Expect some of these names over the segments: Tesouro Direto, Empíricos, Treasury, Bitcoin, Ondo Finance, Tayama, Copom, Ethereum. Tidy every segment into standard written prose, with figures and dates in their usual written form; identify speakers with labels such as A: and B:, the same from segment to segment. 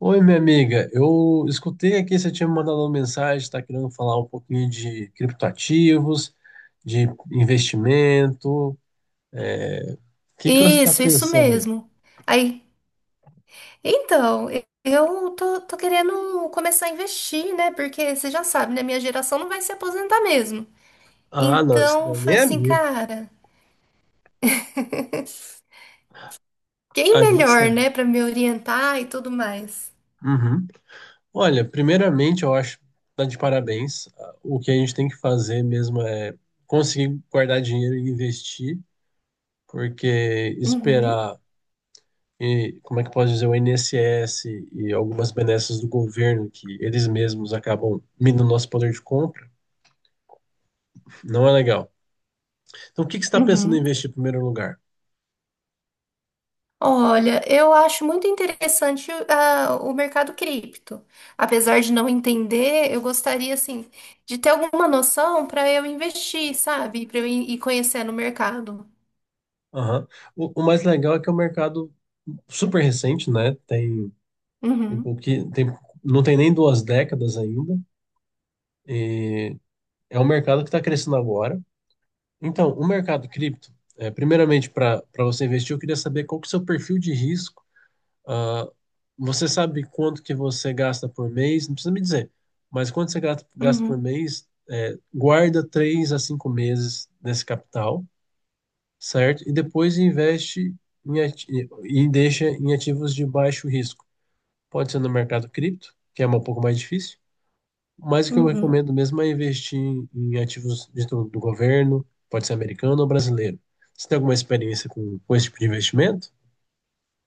A: Oi, minha amiga. Eu escutei aqui, você tinha me mandado uma mensagem, está querendo falar um pouquinho de criptoativos, de investimento. O que que você está
B: Isso
A: pensando aí?
B: mesmo. Aí, então, eu tô querendo começar a investir, né? Porque você já sabe, né? Minha geração não vai se aposentar mesmo.
A: Ah, não, isso
B: Então, eu
A: daí nem
B: falei
A: é
B: assim,
A: minha.
B: cara, quem
A: A gente
B: melhor,
A: sabe.
B: né, pra me orientar e tudo mais?
A: Uhum. Olha, primeiramente, eu acho que tá de parabéns. O que a gente tem que fazer mesmo é conseguir guardar dinheiro e investir, porque
B: Uhum,
A: esperar e como é que pode dizer, o INSS e algumas benesses do governo que eles mesmos acabam minando nosso poder de compra, não é legal. Então, o que que você está pensando em
B: uhum.
A: investir em primeiro lugar?
B: Olha, eu acho muito interessante o mercado cripto. Apesar de não entender, eu gostaria, assim, de ter alguma noção para eu investir, sabe? Para eu ir conhecendo o mercado.
A: Aham. O mais legal é que é um mercado super recente, né? Tem
B: Uhum,
A: pouqui- tem, não tem nem duas décadas ainda, e é um mercado que está crescendo agora. Então, o mercado cripto, é, primeiramente, para você investir, eu queria saber qual que é o seu perfil de risco. Ah, você sabe quanto que você gasta por mês? Não precisa me dizer, mas quanto você gasta por
B: uhum,
A: mês? Guarda 3 a 5 meses desse capital, certo? E depois investe em ati- e deixa em ativos de baixo risco. Pode ser no mercado cripto, que é um pouco mais difícil, mas o que eu
B: uhum.
A: recomendo mesmo é investir em ativos do governo, pode ser americano ou brasileiro. Você tem alguma experiência com esse tipo de investimento?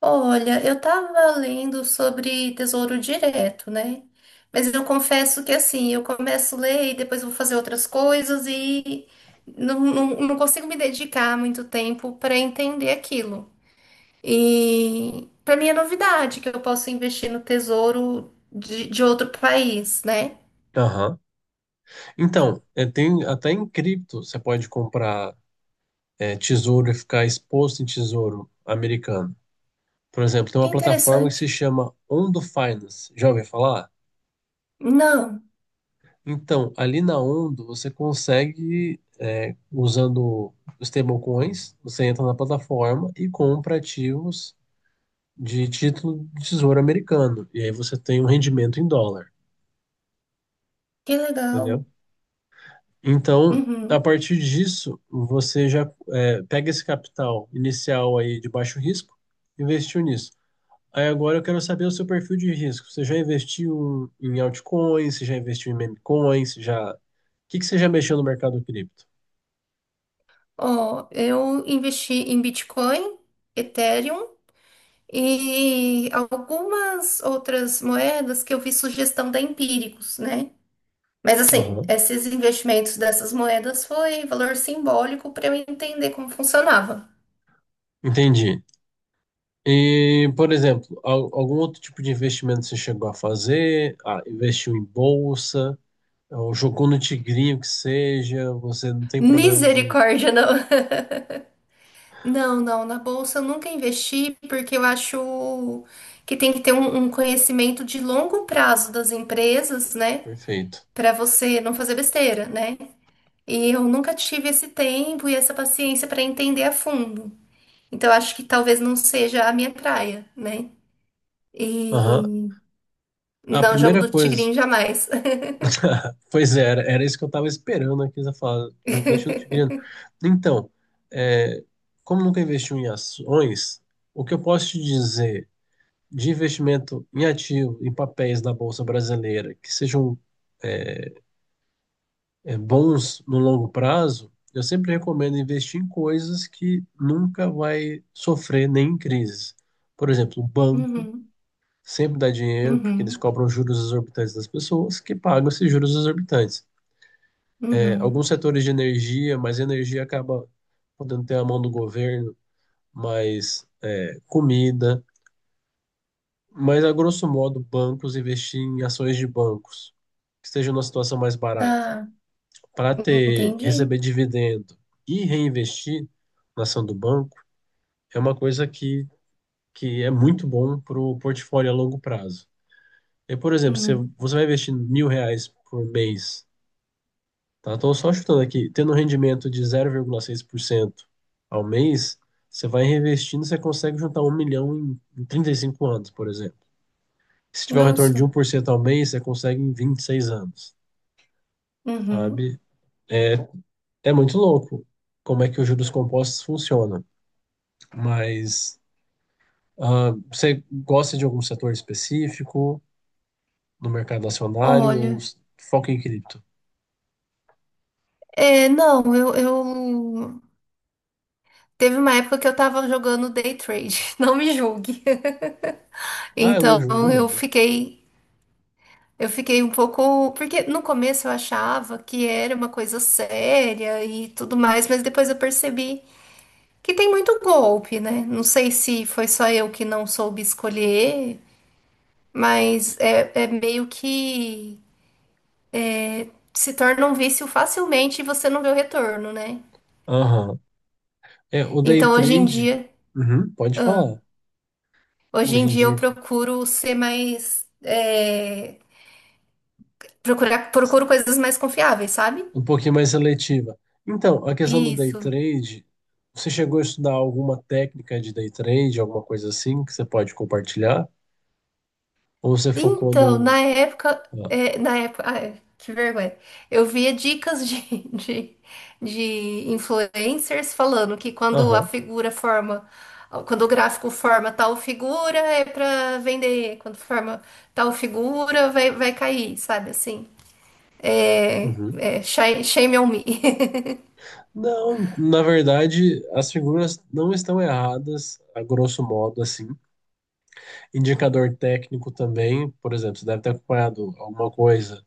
B: Olha, eu estava lendo sobre Tesouro Direto, né? Mas eu confesso que assim, eu começo a ler e depois vou fazer outras coisas e não consigo me dedicar muito tempo para entender aquilo. E para mim é novidade que eu posso investir no tesouro de outro país, né?
A: Aham. Então, é, tem até em cripto você pode comprar é, tesouro e ficar exposto em tesouro americano. Por exemplo, tem
B: Que
A: uma plataforma que se
B: interessante.
A: chama Ondo Finance. Já ouviu falar?
B: Não,
A: Então, ali na Ondo você consegue, é, usando os stablecoins, você entra na plataforma e compra ativos de título de tesouro americano. E aí você tem um rendimento em dólar,
B: que legal.
A: entendeu? Então, a
B: Uhum.
A: partir disso, você já é, pega esse capital inicial aí de baixo risco, investiu nisso. Aí agora eu quero saber o seu perfil de risco. Você já investiu em altcoins? Você já investiu em memecoins? Você já... O que que você já mexeu no mercado cripto?
B: Ó, eu investi em Bitcoin. Ethereum e algumas outras moedas que eu vi sugestão da Empíricos, né? Mas assim,
A: Aham,
B: esses investimentos dessas moedas foi valor simbólico para eu entender como funcionava.
A: entendi. E, por exemplo, algum outro tipo de investimento você chegou a fazer? Ah, investiu em bolsa, ou jogou no tigrinho que seja, você não tem problema de...
B: Misericórdia, não. Não, não, na bolsa eu nunca investi porque eu acho que tem que ter um conhecimento de longo prazo das empresas, né?
A: Perfeito.
B: Para você não fazer besteira, né? E eu nunca tive esse tempo e essa paciência para entender a fundo. Então acho que talvez não seja a minha praia, né?
A: Aham.
B: E
A: A
B: não, jogo
A: primeira
B: do tigrinho
A: coisa,
B: jamais.
A: pois é, era isso que eu estava esperando aqui, você falar, eu investi no Tigreano. Então, é, como nunca investiu em ações, o que eu posso te dizer de investimento em ativo, em papéis da Bolsa Brasileira, que sejam é, bons no longo prazo, eu sempre recomendo investir em coisas que nunca vai sofrer nem em crise. Por exemplo, o banco
B: Uhum,
A: sempre dá dinheiro, porque eles
B: uhum,
A: cobram juros exorbitantes das pessoas, que pagam esses juros exorbitantes. É, alguns
B: uhum.
A: setores de energia, mas energia acaba podendo ter a mão do governo, mas é, comida, mas a grosso modo bancos investir em ações de bancos que estejam numa situação mais barata
B: Tá,
A: para ter
B: entendi.
A: receber dividendo e reinvestir na ação do banco é uma coisa que é muito bom para o portfólio a longo prazo. E, por exemplo, se
B: Uhum.
A: você vai investir 1.000 reais por mês. Tá? Estou só chutando aqui. Tendo um rendimento de 0,6% ao mês, você vai reinvestindo, você consegue juntar 1 milhão em 35 anos, por exemplo. Se tiver um retorno de um
B: Nossa.
A: por cento ao mês, você consegue em 26 anos,
B: Uhum.
A: sabe? É, é muito louco como é que os juros compostos funcionam. Mas ah, você gosta de algum setor específico no mercado acionário ou
B: Olha,
A: foca em cripto?
B: é, não, eu... Teve uma época que eu tava jogando day trade, não me julgue.
A: Ah, eu não
B: Então
A: julgo,
B: eu
A: não.
B: fiquei, eu fiquei um pouco, porque no começo eu achava que era uma coisa séria e tudo mais, mas depois eu percebi que tem muito golpe, né? Não sei se foi só eu que não soube escolher, mas é, é meio que se torna um vício facilmente e você não vê o retorno, né?
A: Aham. É, o day
B: Então hoje em
A: trade.
B: dia,
A: Uhum, pode
B: ah,
A: falar.
B: hoje
A: Hoje
B: em
A: em
B: dia eu
A: dia que-
B: procuro ser mais, é, procurar, procuro coisas mais confiáveis, sabe?
A: um pouquinho mais seletiva. Então, a questão do day
B: Isso.
A: trade, você chegou a estudar alguma técnica de day trade, alguma coisa assim que você pode compartilhar? Ou você focou
B: Então, na
A: no.
B: época,
A: Ah,
B: é, na época, ah, é, que vergonha. Eu via dicas de, de, de influencers falando que quando a
A: aham.
B: figura forma, quando o gráfico forma tal figura, é pra vender. Quando forma tal figura, vai cair, sabe assim? É,
A: Uhum.
B: é, shame shame on me.
A: Não, na verdade, as figuras não estão erradas, a grosso modo, assim. Indicador técnico também, por exemplo, você deve ter acompanhado alguma coisa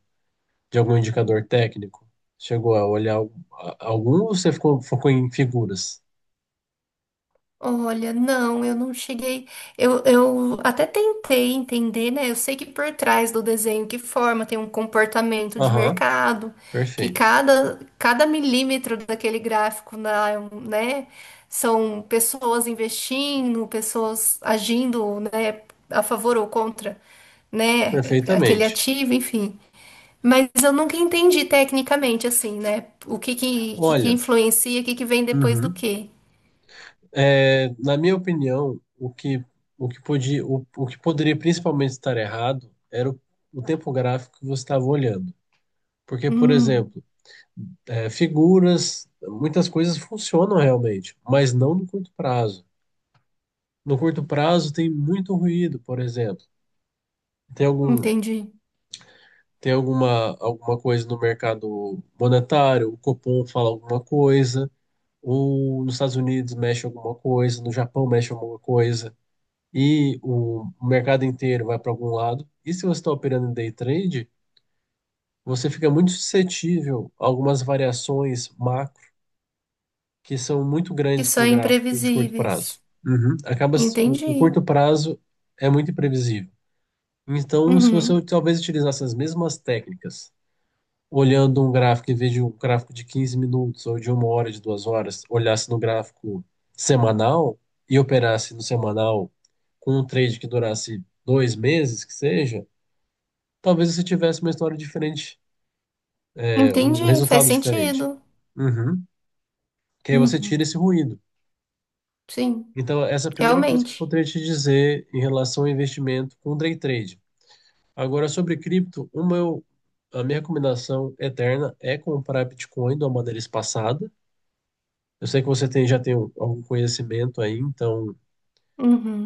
A: de algum indicador técnico. Chegou a olhar algum ou você ficou, focou em figuras?
B: Olha, não, eu não cheguei. Eu até tentei entender, né? Eu sei que por trás do desenho que forma tem um comportamento de
A: Aham,
B: mercado, que
A: perfeito.
B: cada milímetro daquele gráfico, na- né? São pessoas investindo, pessoas agindo, né? A favor ou contra, né? Aquele
A: Perfeitamente.
B: ativo, enfim. Mas eu nunca entendi tecnicamente, assim, né? O que
A: Olha,
B: influencia, o que que vem depois do
A: uhum.
B: quê.
A: É, na minha opinião, o que podia, o que poderia principalmente estar errado era o tempo gráfico que você estava olhando. Porque, por
B: Hum.
A: exemplo, é, figuras, muitas coisas funcionam realmente, mas não no curto prazo. No curto prazo tem muito ruído, por exemplo. Tem algum,
B: Entendi.
A: tem alguma, alguma coisa no mercado monetário, o Copom fala alguma coisa um, nos Estados Unidos mexe alguma coisa, no Japão mexe alguma coisa, e o mercado inteiro vai para algum lado. E se você está operando em day trade, você fica muito suscetível a algumas variações macro que são muito
B: Que
A: grandes para
B: são
A: o gráfico de curto prazo.
B: imprevisíveis.
A: Uhum. Acaba, o
B: Entendi.
A: curto prazo é muito imprevisível. Então, se você
B: Uhum.
A: talvez utilizasse as mesmas técnicas olhando um gráfico, em vez de um gráfico de 15 minutos ou de 1 hora, de 2 horas, olhasse no gráfico semanal e operasse no semanal com um trade que durasse 2 meses, que seja, talvez você tivesse uma história diferente, é, um
B: Entendi. Faz
A: resultado diferente.
B: sentido.
A: Uhum. Que aí você
B: Uhum.
A: tira esse ruído.
B: Sim,
A: Então, essa é a primeira coisa que eu
B: realmente.
A: poderia te dizer em relação ao investimento com day trade. Agora, sobre cripto, uma, a minha recomendação eterna é comprar Bitcoin de uma maneira espaçada. Eu sei que você tem, já tem algum conhecimento aí, então,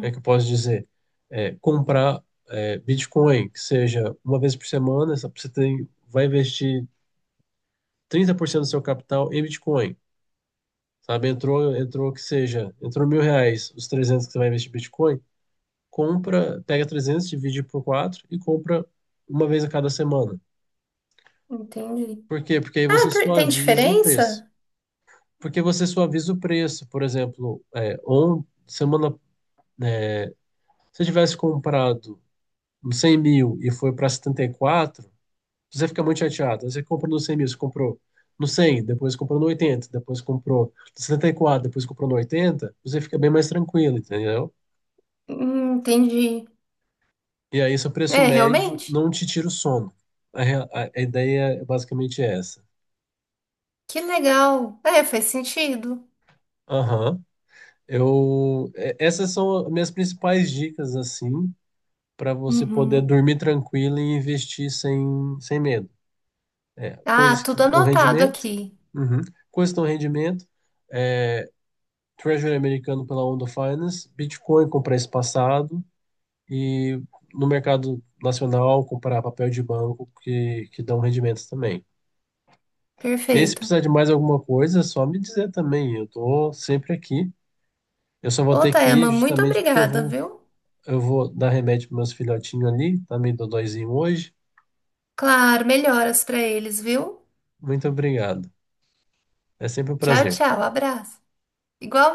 A: é que eu posso dizer, é, comprar é, Bitcoin, que seja uma vez por semana, você tem, vai investir 30% do seu capital em Bitcoin, sabe? Entrou, entrou que seja, entrou 1.000 reais, os 300 que você vai investir em Bitcoin, compra, pega 300, divide por 4 e compra uma vez a cada semana.
B: Entendi.
A: Por quê? Porque aí
B: Ah,
A: você
B: por- tem
A: suaviza o preço.
B: diferença?
A: Porque você suaviza o preço, por exemplo, é, on, semana, se você tivesse comprado no 100 mil e foi para 74 você fica muito chateado. Você comprou no 100 mil, você comprou no 100 depois comprou no 80 depois comprou no 74 depois comprou no 80 você fica bem mais tranquilo, entendeu?
B: Entendi.
A: E aí seu preço
B: É,
A: médio
B: realmente?
A: não te tira o sono. A ideia é basicamente essa.
B: Que legal. É, faz sentido.
A: Aham. Eu, essas são as minhas principais dicas, assim, para você poder
B: Uhum.
A: dormir tranquilo e investir sem medo. É,
B: Ah,
A: coisas que
B: tudo
A: dão
B: anotado
A: rendimento.
B: aqui.
A: Uhum. Coisas que dão rendimento, é, Treasury americano pela Ondo Finance, Bitcoin com preço passado e no mercado nacional comprar papel de banco que dão rendimentos também. E aí, se
B: Perfeito.
A: precisar de mais alguma coisa, é só me dizer também, eu tô sempre aqui. Eu só vou
B: Ô,
A: ter que ir
B: Tayama, muito
A: justamente porque
B: obrigada, viu?
A: eu vou dar remédio para meus filhotinhos ali, tá meio dodóizinho hoje.
B: Claro, melhoras pra eles, viu?
A: Muito obrigado. É sempre um
B: Tchau,
A: prazer.
B: tchau. Abraço. Igual